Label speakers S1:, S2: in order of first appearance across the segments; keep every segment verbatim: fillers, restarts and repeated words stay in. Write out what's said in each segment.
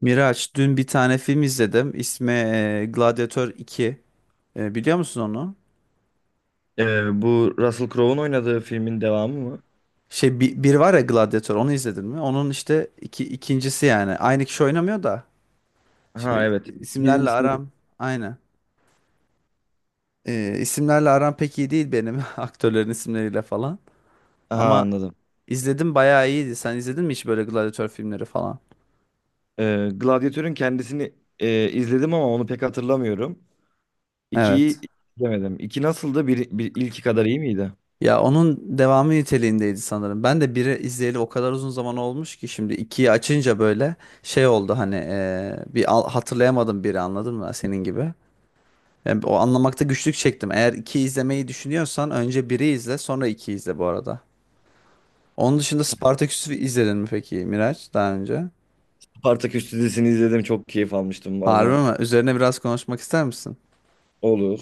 S1: Miraç, dün bir tane film izledim. İsmi e, Gladiator iki. E, biliyor musun onu?
S2: Ee, bu Russell Crowe'un oynadığı filmin devamı mı?
S1: Şey bir, bir var ya, Gladiator onu izledin mi? Onun işte iki, ikincisi yani. Aynı kişi oynamıyor da.
S2: Ha,
S1: Şimdi
S2: evet.
S1: isimlerle
S2: Birincisi.
S1: aram aynı. E, isimlerle aram pek iyi değil benim aktörlerin isimleriyle falan.
S2: Ha,
S1: Ama
S2: anladım.
S1: izledim, bayağı iyiydi. Sen izledin mi hiç böyle Gladiator filmleri falan?
S2: Ee, Gladiatör'ün kendisini e, izledim ama onu pek hatırlamıyorum. İkiyi
S1: Evet.
S2: izlemedim. İki nasıldı? Bir, bir, ilki kadar iyi miydi?
S1: Ya onun devamı niteliğindeydi sanırım. Ben de biri izleyeli o kadar uzun zaman olmuş ki şimdi ikiyi açınca böyle şey oldu hani, eee, bir al- hatırlayamadım biri, anladın mı, senin gibi. Ben o anlamakta güçlük çektim. Eğer iki izlemeyi düşünüyorsan önce biri izle sonra iki izle bu arada. Onun dışında Spartaküs'ü izledin mi peki Miraç daha önce?
S2: Spartaküs dizisini izledim. Çok keyif almıştım
S1: Harbi
S2: valla.
S1: mi? Üzerine biraz konuşmak ister misin?
S2: Olur.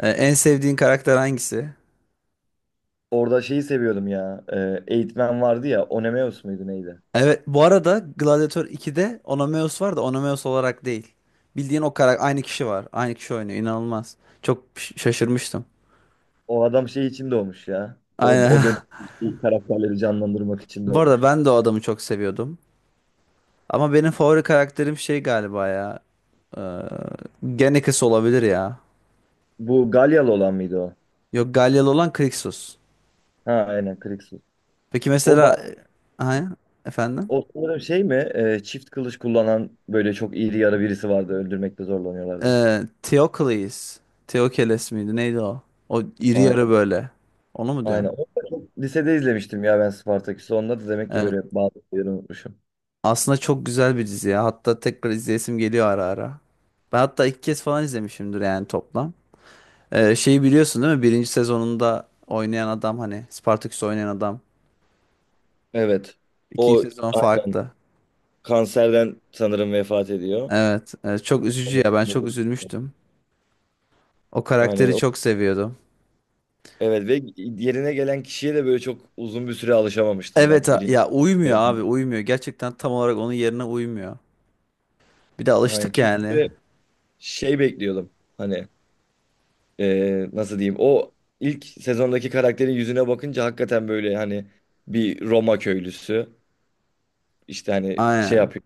S1: Ee, en sevdiğin karakter hangisi?
S2: Orada şeyi seviyordum ya. E, eğitmen vardı ya. Onemeus muydu, neydi?
S1: Evet, bu arada Gladiator ikide Onomeus var da Onomeus olarak değil. Bildiğin o karakter, aynı kişi var. Aynı kişi oynuyor. İnanılmaz. Çok ş- şaşırmıştım.
S2: O adam şey için doğmuş ya. O, o
S1: Aynen.
S2: dönem ilk karakterleri canlandırmak için
S1: Bu arada
S2: doğmuş.
S1: ben de o adamı çok seviyordum. Ama benim favori karakterim şey galiba ya. Ee, Genekis olabilir ya.
S2: Bu Galyalı olan mıydı o?
S1: Yok, Galyalı olan Krixus.
S2: Ha, aynen, Krixus.
S1: Peki
S2: O, ba-
S1: mesela, e, ha, efendim?
S2: O sanırım şey mi? E, çift kılıç kullanan böyle çok iri yarı birisi vardı. Öldürmekte zorlanıyorlardı.
S1: Ee, Theocles. Theocles miydi? Neydi o? O iri yarı
S2: Aynen.
S1: böyle. Onu mu diyorsun?
S2: Aynen. Onu da çok lisede izlemiştim ya ben Spartaküs'ü. Onda da demek ki böyle bazı şeyleri unutmuşum.
S1: Aslında çok güzel bir dizi ya. Hatta tekrar izleyesim geliyor ara ara. Ben hatta iki kez falan izlemişimdir yani toplam. Ee, şeyi biliyorsun değil mi? Birinci sezonunda oynayan adam, hani Spartaküs oynayan adam.
S2: Evet.
S1: İkinci
S2: O
S1: sezon
S2: aynen
S1: farklı.
S2: kanserden sanırım vefat ediyor.
S1: Evet. e, çok üzücü
S2: Sonrasında
S1: ya. Ben çok
S2: bu-
S1: üzülmüştüm. O
S2: Aynen.
S1: karakteri
S2: O
S1: çok seviyordum.
S2: Evet ve yerine gelen kişiye de böyle çok uzun bir süre alışamamıştım ben.
S1: Evet, a-
S2: Biri,
S1: ya uymuyor abi, uymuyor. Gerçekten tam olarak onun yerine uymuyor. Bir de
S2: yani
S1: alıştık
S2: çünkü
S1: yani.
S2: böyle şey bekliyordum. Hani eee, nasıl diyeyim? O ilk sezondaki karakterin yüzüne bakınca hakikaten böyle hani bir Roma köylüsü, işte hani şey
S1: Aynen.
S2: yapıyor.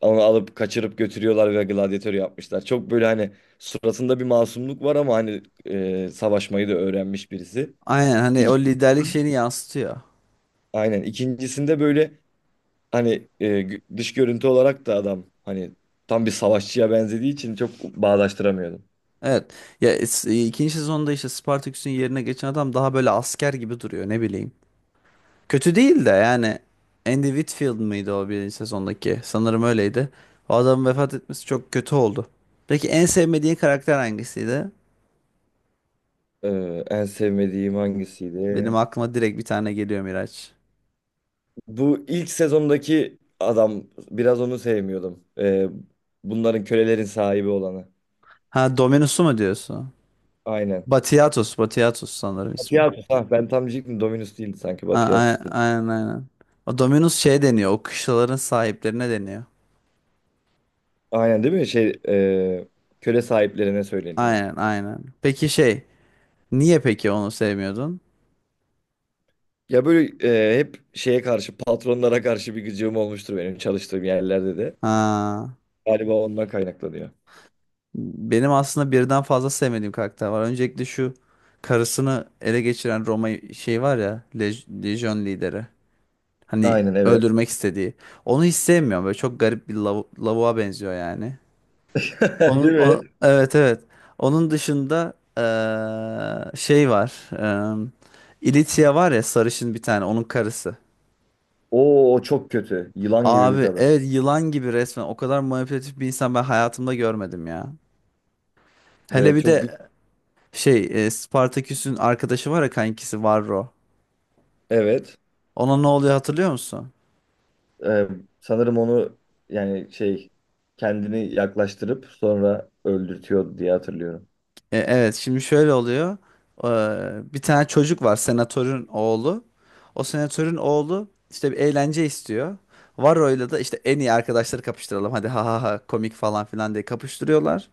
S2: Onu alıp kaçırıp götürüyorlar ve gladyatör yapmışlar. Çok böyle hani suratında bir masumluk var ama hani eee, savaşmayı da öğrenmiş birisi.
S1: Aynen, hani
S2: İk-
S1: o liderlik şeyini yansıtıyor.
S2: Aynen. İkincisinde böyle hani e, gü- dış görüntü olarak da adam hani tam bir savaşçıya benzediği için çok bağdaştıramıyordum.
S1: Evet. Ya es- e, ikinci sezonda işte Spartaküs'ün yerine geçen adam daha böyle asker gibi duruyor, ne bileyim. Kötü değil de yani, Andy Whitfield mıydı o birinci sezondaki? Sanırım öyleydi. O adamın vefat etmesi çok kötü oldu. Peki en sevmediğin karakter hangisiydi?
S2: Ee, en sevmediğim
S1: Benim
S2: hangisiydi?
S1: aklıma direkt bir tane geliyor Miraç.
S2: Bu ilk sezondaki adam, biraz onu sevmiyordum. Ee, bunların, kölelerin sahibi olanı.
S1: Ha, Dominus'u mu diyorsun?
S2: Aynen.
S1: Batiatus, Batiatus sanırım ismi.
S2: Batiatus, ha, ben tam diyecektim Dominus değildi sanki,
S1: A- a-
S2: Batiatus dedi.
S1: Aynen aynen. O Dominus şey deniyor, o kışlaların sahiplerine deniyor.
S2: Aynen değil mi? Şey, e, köle sahiplerine söyleniyor.
S1: Aynen aynen. Peki şey, niye peki onu sevmiyordun?
S2: Ya böyle e, hep şeye karşı, patronlara karşı bir gıcığım olmuştur benim çalıştığım yerlerde de.
S1: Ha.
S2: Galiba ondan kaynaklanıyor.
S1: Benim aslında birden fazla sevmediğim karakter var. Öncelikle şu karısını ele geçiren Roma şey var ya, Lej- Lejyon lideri. Hani
S2: Aynen, evet.
S1: öldürmek istediği. Onu hiç sevmiyorum. Böyle çok garip bir lav lavuğa benziyor yani. Onun,
S2: Değil mi?
S1: o- evet evet. Onun dışında eee, şey var. Eee İlitia var ya, sarışın bir tane, onun karısı.
S2: Oo, o çok kötü. Yılan gibi bir
S1: Abi
S2: kadın.
S1: evet, yılan gibi resmen. O kadar manipülatif bir insan ben hayatımda görmedim ya. Hele
S2: Evet,
S1: bir
S2: çok gü-
S1: de şey, e, Spartaküs'ün arkadaşı var ya, kankisi Varro.
S2: evet.
S1: Ona ne oluyor hatırlıyor musun?
S2: Ee, Sanırım onu, yani şey, kendini yaklaştırıp sonra öldürtüyor diye hatırlıyorum.
S1: E, evet, şimdi şöyle oluyor. Ee, bir tane çocuk var, senatörün oğlu. O senatörün oğlu işte bir eğlence istiyor. Varro'yla da işte en iyi arkadaşları kapıştıralım. Hadi ha ha ha komik falan filan diye kapıştırıyorlar.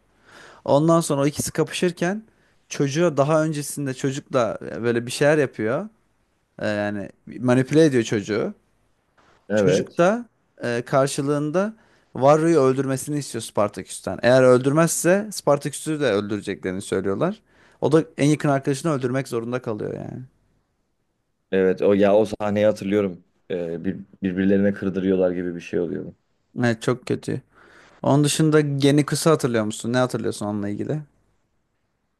S1: Ondan sonra o ikisi kapışırken çocuğa, daha öncesinde çocukla böyle bir şeyler yapıyor. Ee, yani manipüle ediyor çocuğu. Çocuk
S2: Evet.
S1: da e, karşılığında Varro'yu öldürmesini istiyor Spartaküs'ten. Eğer öldürmezse Spartaküs'ü de öldüreceklerini söylüyorlar. O da en yakın arkadaşını öldürmek zorunda kalıyor yani.
S2: Evet, o ya, o sahneyi hatırlıyorum. Ee, bir, Birbirlerine kırdırıyorlar gibi bir şey oluyor.
S1: Evet, çok kötü. Onun dışında Geniku'su, hatırlıyor musun? Ne hatırlıyorsun onunla ilgili?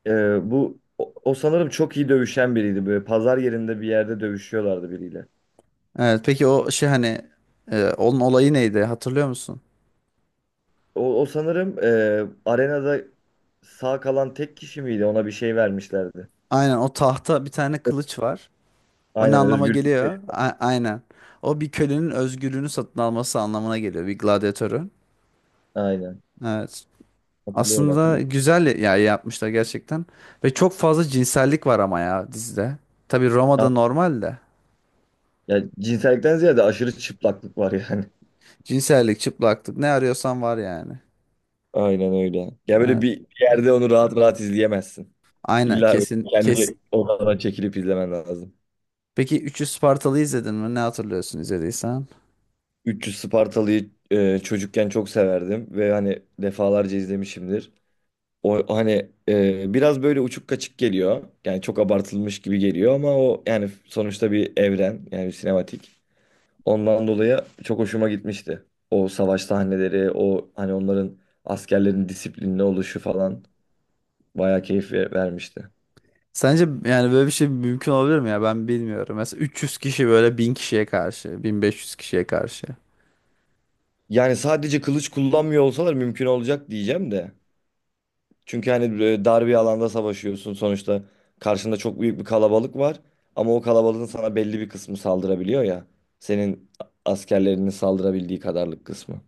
S2: Ee, bu o, o sanırım çok iyi dövüşen biriydi. Böyle pazar yerinde bir yerde dövüşüyorlardı biriyle.
S1: Evet peki, o şey hani, e, onun olayı neydi, hatırlıyor musun?
S2: O, o sanırım e, arenada sağ kalan tek kişi miydi? Ona bir şey vermişlerdi.
S1: Aynen, o tahta bir tane kılıç var. O ne
S2: Aynen,
S1: anlama
S2: özgürlük verir.
S1: geliyor? A- aynen. O bir kölenin özgürlüğünü satın alması anlamına geliyor, bir gladyatörün.
S2: Aynen.
S1: Evet.
S2: Hatırlıyorum,
S1: Aslında
S2: hatırlıyorum.
S1: güzel ya, yapmışlar gerçekten. Ve çok fazla cinsellik var ama ya dizide. Tabii
S2: Ya,
S1: Roma'da normal de.
S2: ya cinsellikten ziyade aşırı çıplaklık var yani.
S1: Cinsellik, çıplaklık, ne arıyorsan var yani.
S2: Aynen öyle. Ya böyle
S1: Ha,
S2: bir bir yerde onu rahat rahat izleyemezsin.
S1: aynen,
S2: İlla böyle
S1: kesin
S2: kendi
S1: kesin.
S2: odana çekilip izlemen lazım.
S1: Peki Üçü Spartalı izledin mi? Ne hatırlıyorsun izlediysen?
S2: üç yüz Spartalı'yı e, çocukken çok severdim ve hani defalarca izlemişimdir. O hani e, biraz böyle uçuk kaçık geliyor. Yani çok abartılmış gibi geliyor ama o yani sonuçta bir evren, yani bir sinematik. Ondan dolayı çok hoşuma gitmişti. O savaş sahneleri, o hani onların, askerlerin disiplinli oluşu falan bayağı keyif ver- vermişti.
S1: Sence yani böyle bir şey mümkün olabilir mi ya? Ben bilmiyorum. Mesela üç yüz kişi böyle bin kişiye karşı, bin beş yüz kişiye karşı.
S2: Yani sadece kılıç kullanmıyor olsalar mümkün olacak diyeceğim de. Çünkü hani böyle dar bir alanda savaşıyorsun sonuçta, karşında çok büyük bir kalabalık var ama o kalabalığın sana belli bir kısmı saldırabiliyor ya. Senin askerlerinin saldırabildiği kadarlık kısmı.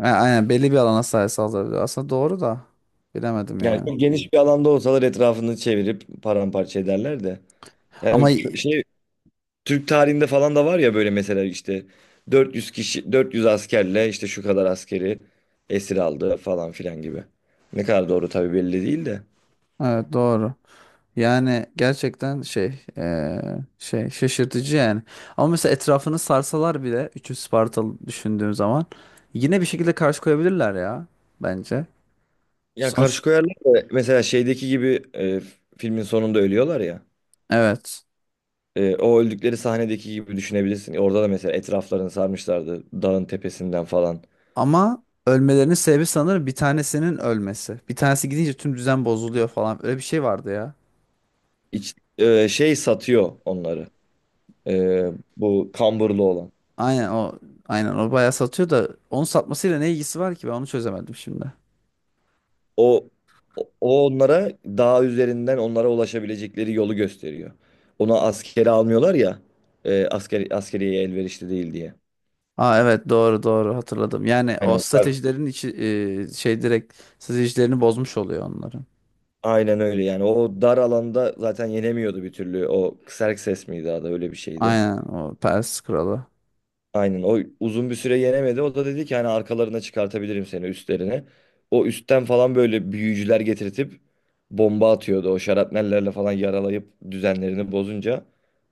S1: Ha, aynen, belli bir alana sahip saldırıyor. Aslında doğru da, bilemedim
S2: Yani
S1: yani.
S2: çok geniş bir alanda olsalar etrafını çevirip paramparça ederler de. Yani
S1: Ama
S2: ç-
S1: y-
S2: şey, Türk tarihinde falan da var ya böyle, mesela işte dört yüz kişi dört yüz askerle işte şu kadar askeri esir aldı falan filan gibi. Ne kadar doğru tabii belli değil de.
S1: evet, doğru. Yani gerçekten şey, eee, şey şaşırtıcı yani. Ama mesela etrafını sarsalar bile üç yüz Spartalı düşündüğüm zaman yine bir şekilde karşı koyabilirler ya, bence.
S2: Ya
S1: Sonuç,
S2: karşı koyarlar da mesela şeydeki gibi, e, filmin sonunda ölüyorlar ya.
S1: evet.
S2: E, o öldükleri sahnedeki gibi düşünebilirsin. Orada da mesela etraflarını sarmışlardı dağın tepesinden falan.
S1: Ama ölmelerinin sebebi sanırım bir tanesinin ölmesi. Bir tanesi gidince tüm düzen bozuluyor falan. Öyle bir şey vardı ya.
S2: İç, e, şey satıyor onları. E, Bu kamburlu olan.
S1: Aynen o. Aynen o bayağı satıyor da, onun satmasıyla ne ilgisi var ki, ben onu çözemedim şimdi.
S2: O, o o onlara dağ üzerinden onlara ulaşabilecekleri yolu gösteriyor. Ona askeri almıyorlar ya. E, asker, askeriye elverişli değil diye.
S1: Aa, evet, doğru doğru, hatırladım. Yani o
S2: Aynen. Tabii.
S1: stratejilerin içi, e, şey, direkt stratejilerini bozmuş oluyor onların.
S2: Aynen öyle yani. O dar alanda zaten yenemiyordu bir türlü. O Xerxes miydi adı, öyle bir şeydi.
S1: Aynen, o Pers Kralı.
S2: Aynen, o uzun bir süre yenemedi. O da dedi ki hani arkalarına çıkartabilirim seni, üstlerine. O üstten falan böyle büyücüler getirtip bomba atıyordu. O şarapnellerle falan yaralayıp düzenlerini bozunca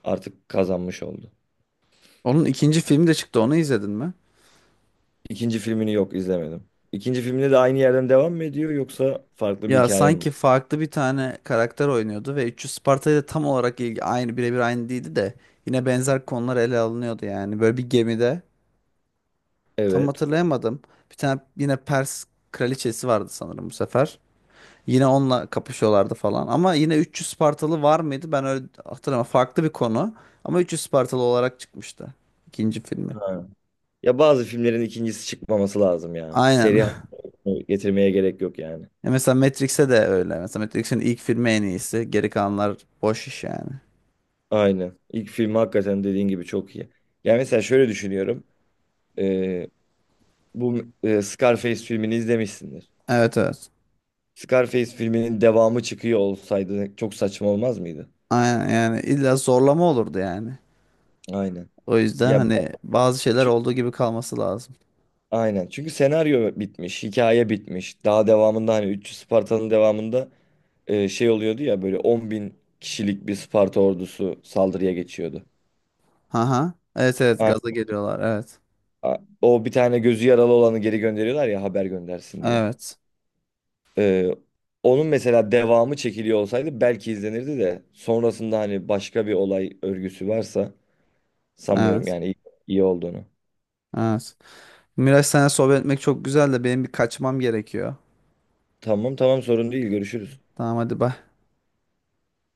S2: artık kazanmış oldu.
S1: Onun ikinci filmi de çıktı, onu izledin mi?
S2: İkinci filmini, yok, izlemedim. İkinci filminde de aynı yerden devam mı ediyor yoksa farklı bir
S1: Ya
S2: hikaye mi?
S1: sanki farklı bir tane karakter oynuyordu ve üç yüz Sparta'yı da tam olarak ilgi, aynı, birebir aynı değildi de yine benzer konular ele alınıyordu yani. Böyle bir gemide, tam
S2: Evet.
S1: hatırlayamadım. Bir tane yine Pers kraliçesi vardı sanırım bu sefer. Yine onunla kapışıyorlardı falan. Ama yine üç yüz Spartalı var mıydı? Ben öyle hatırlamıyorum. Farklı bir konu. Ama üç yüz Spartalı olarak çıkmıştı ikinci filmi.
S2: Ha. Ya bazı filmlerin ikincisi çıkmaması lazım ya. Seri
S1: Aynen.
S2: haline getirmeye gerek yok yani.
S1: Ya mesela Matrix'e de öyle. Mesela Matrix'in ilk filmi en iyisi. Geri kalanlar boş iş yani.
S2: Aynen. İlk film hakikaten dediğin gibi çok iyi. Yani mesela şöyle düşünüyorum. Ee, Bu e, Scarface filmini izlemişsindir.
S1: Evet evet.
S2: Scarface filminin devamı çıkıyor olsaydı çok saçma olmaz mıydı?
S1: Aynen, yani illa zorlama olurdu yani.
S2: Aynen.
S1: O yüzden
S2: Ya
S1: hani bazı şeyler
S2: çünkü,
S1: olduğu gibi kalması lazım.
S2: aynen. Çünkü senaryo bitmiş, hikaye bitmiş. Daha devamında hani, üç yüz Spartalı'nın devamında e, şey oluyordu ya, böyle on bin kişilik bir Sparta ordusu saldırıya geçiyordu.
S1: Haha. Evet evet,
S2: A-
S1: gaza geliyorlar. Evet.
S2: a- O bir tane gözü yaralı olanı geri gönderiyorlar ya haber göndersin diye.
S1: Evet.
S2: Ee, Onun mesela devamı çekiliyor olsaydı belki izlenirdi de sonrasında hani başka bir olay örgüsü varsa sanmıyorum
S1: Evet.
S2: yani iyi, iyi olduğunu.
S1: Evet. Miraç, seninle sohbet etmek çok güzel de benim bir kaçmam gerekiyor.
S2: Tamam, tamam, sorun değil, görüşürüz.
S1: Tamam, hadi bay.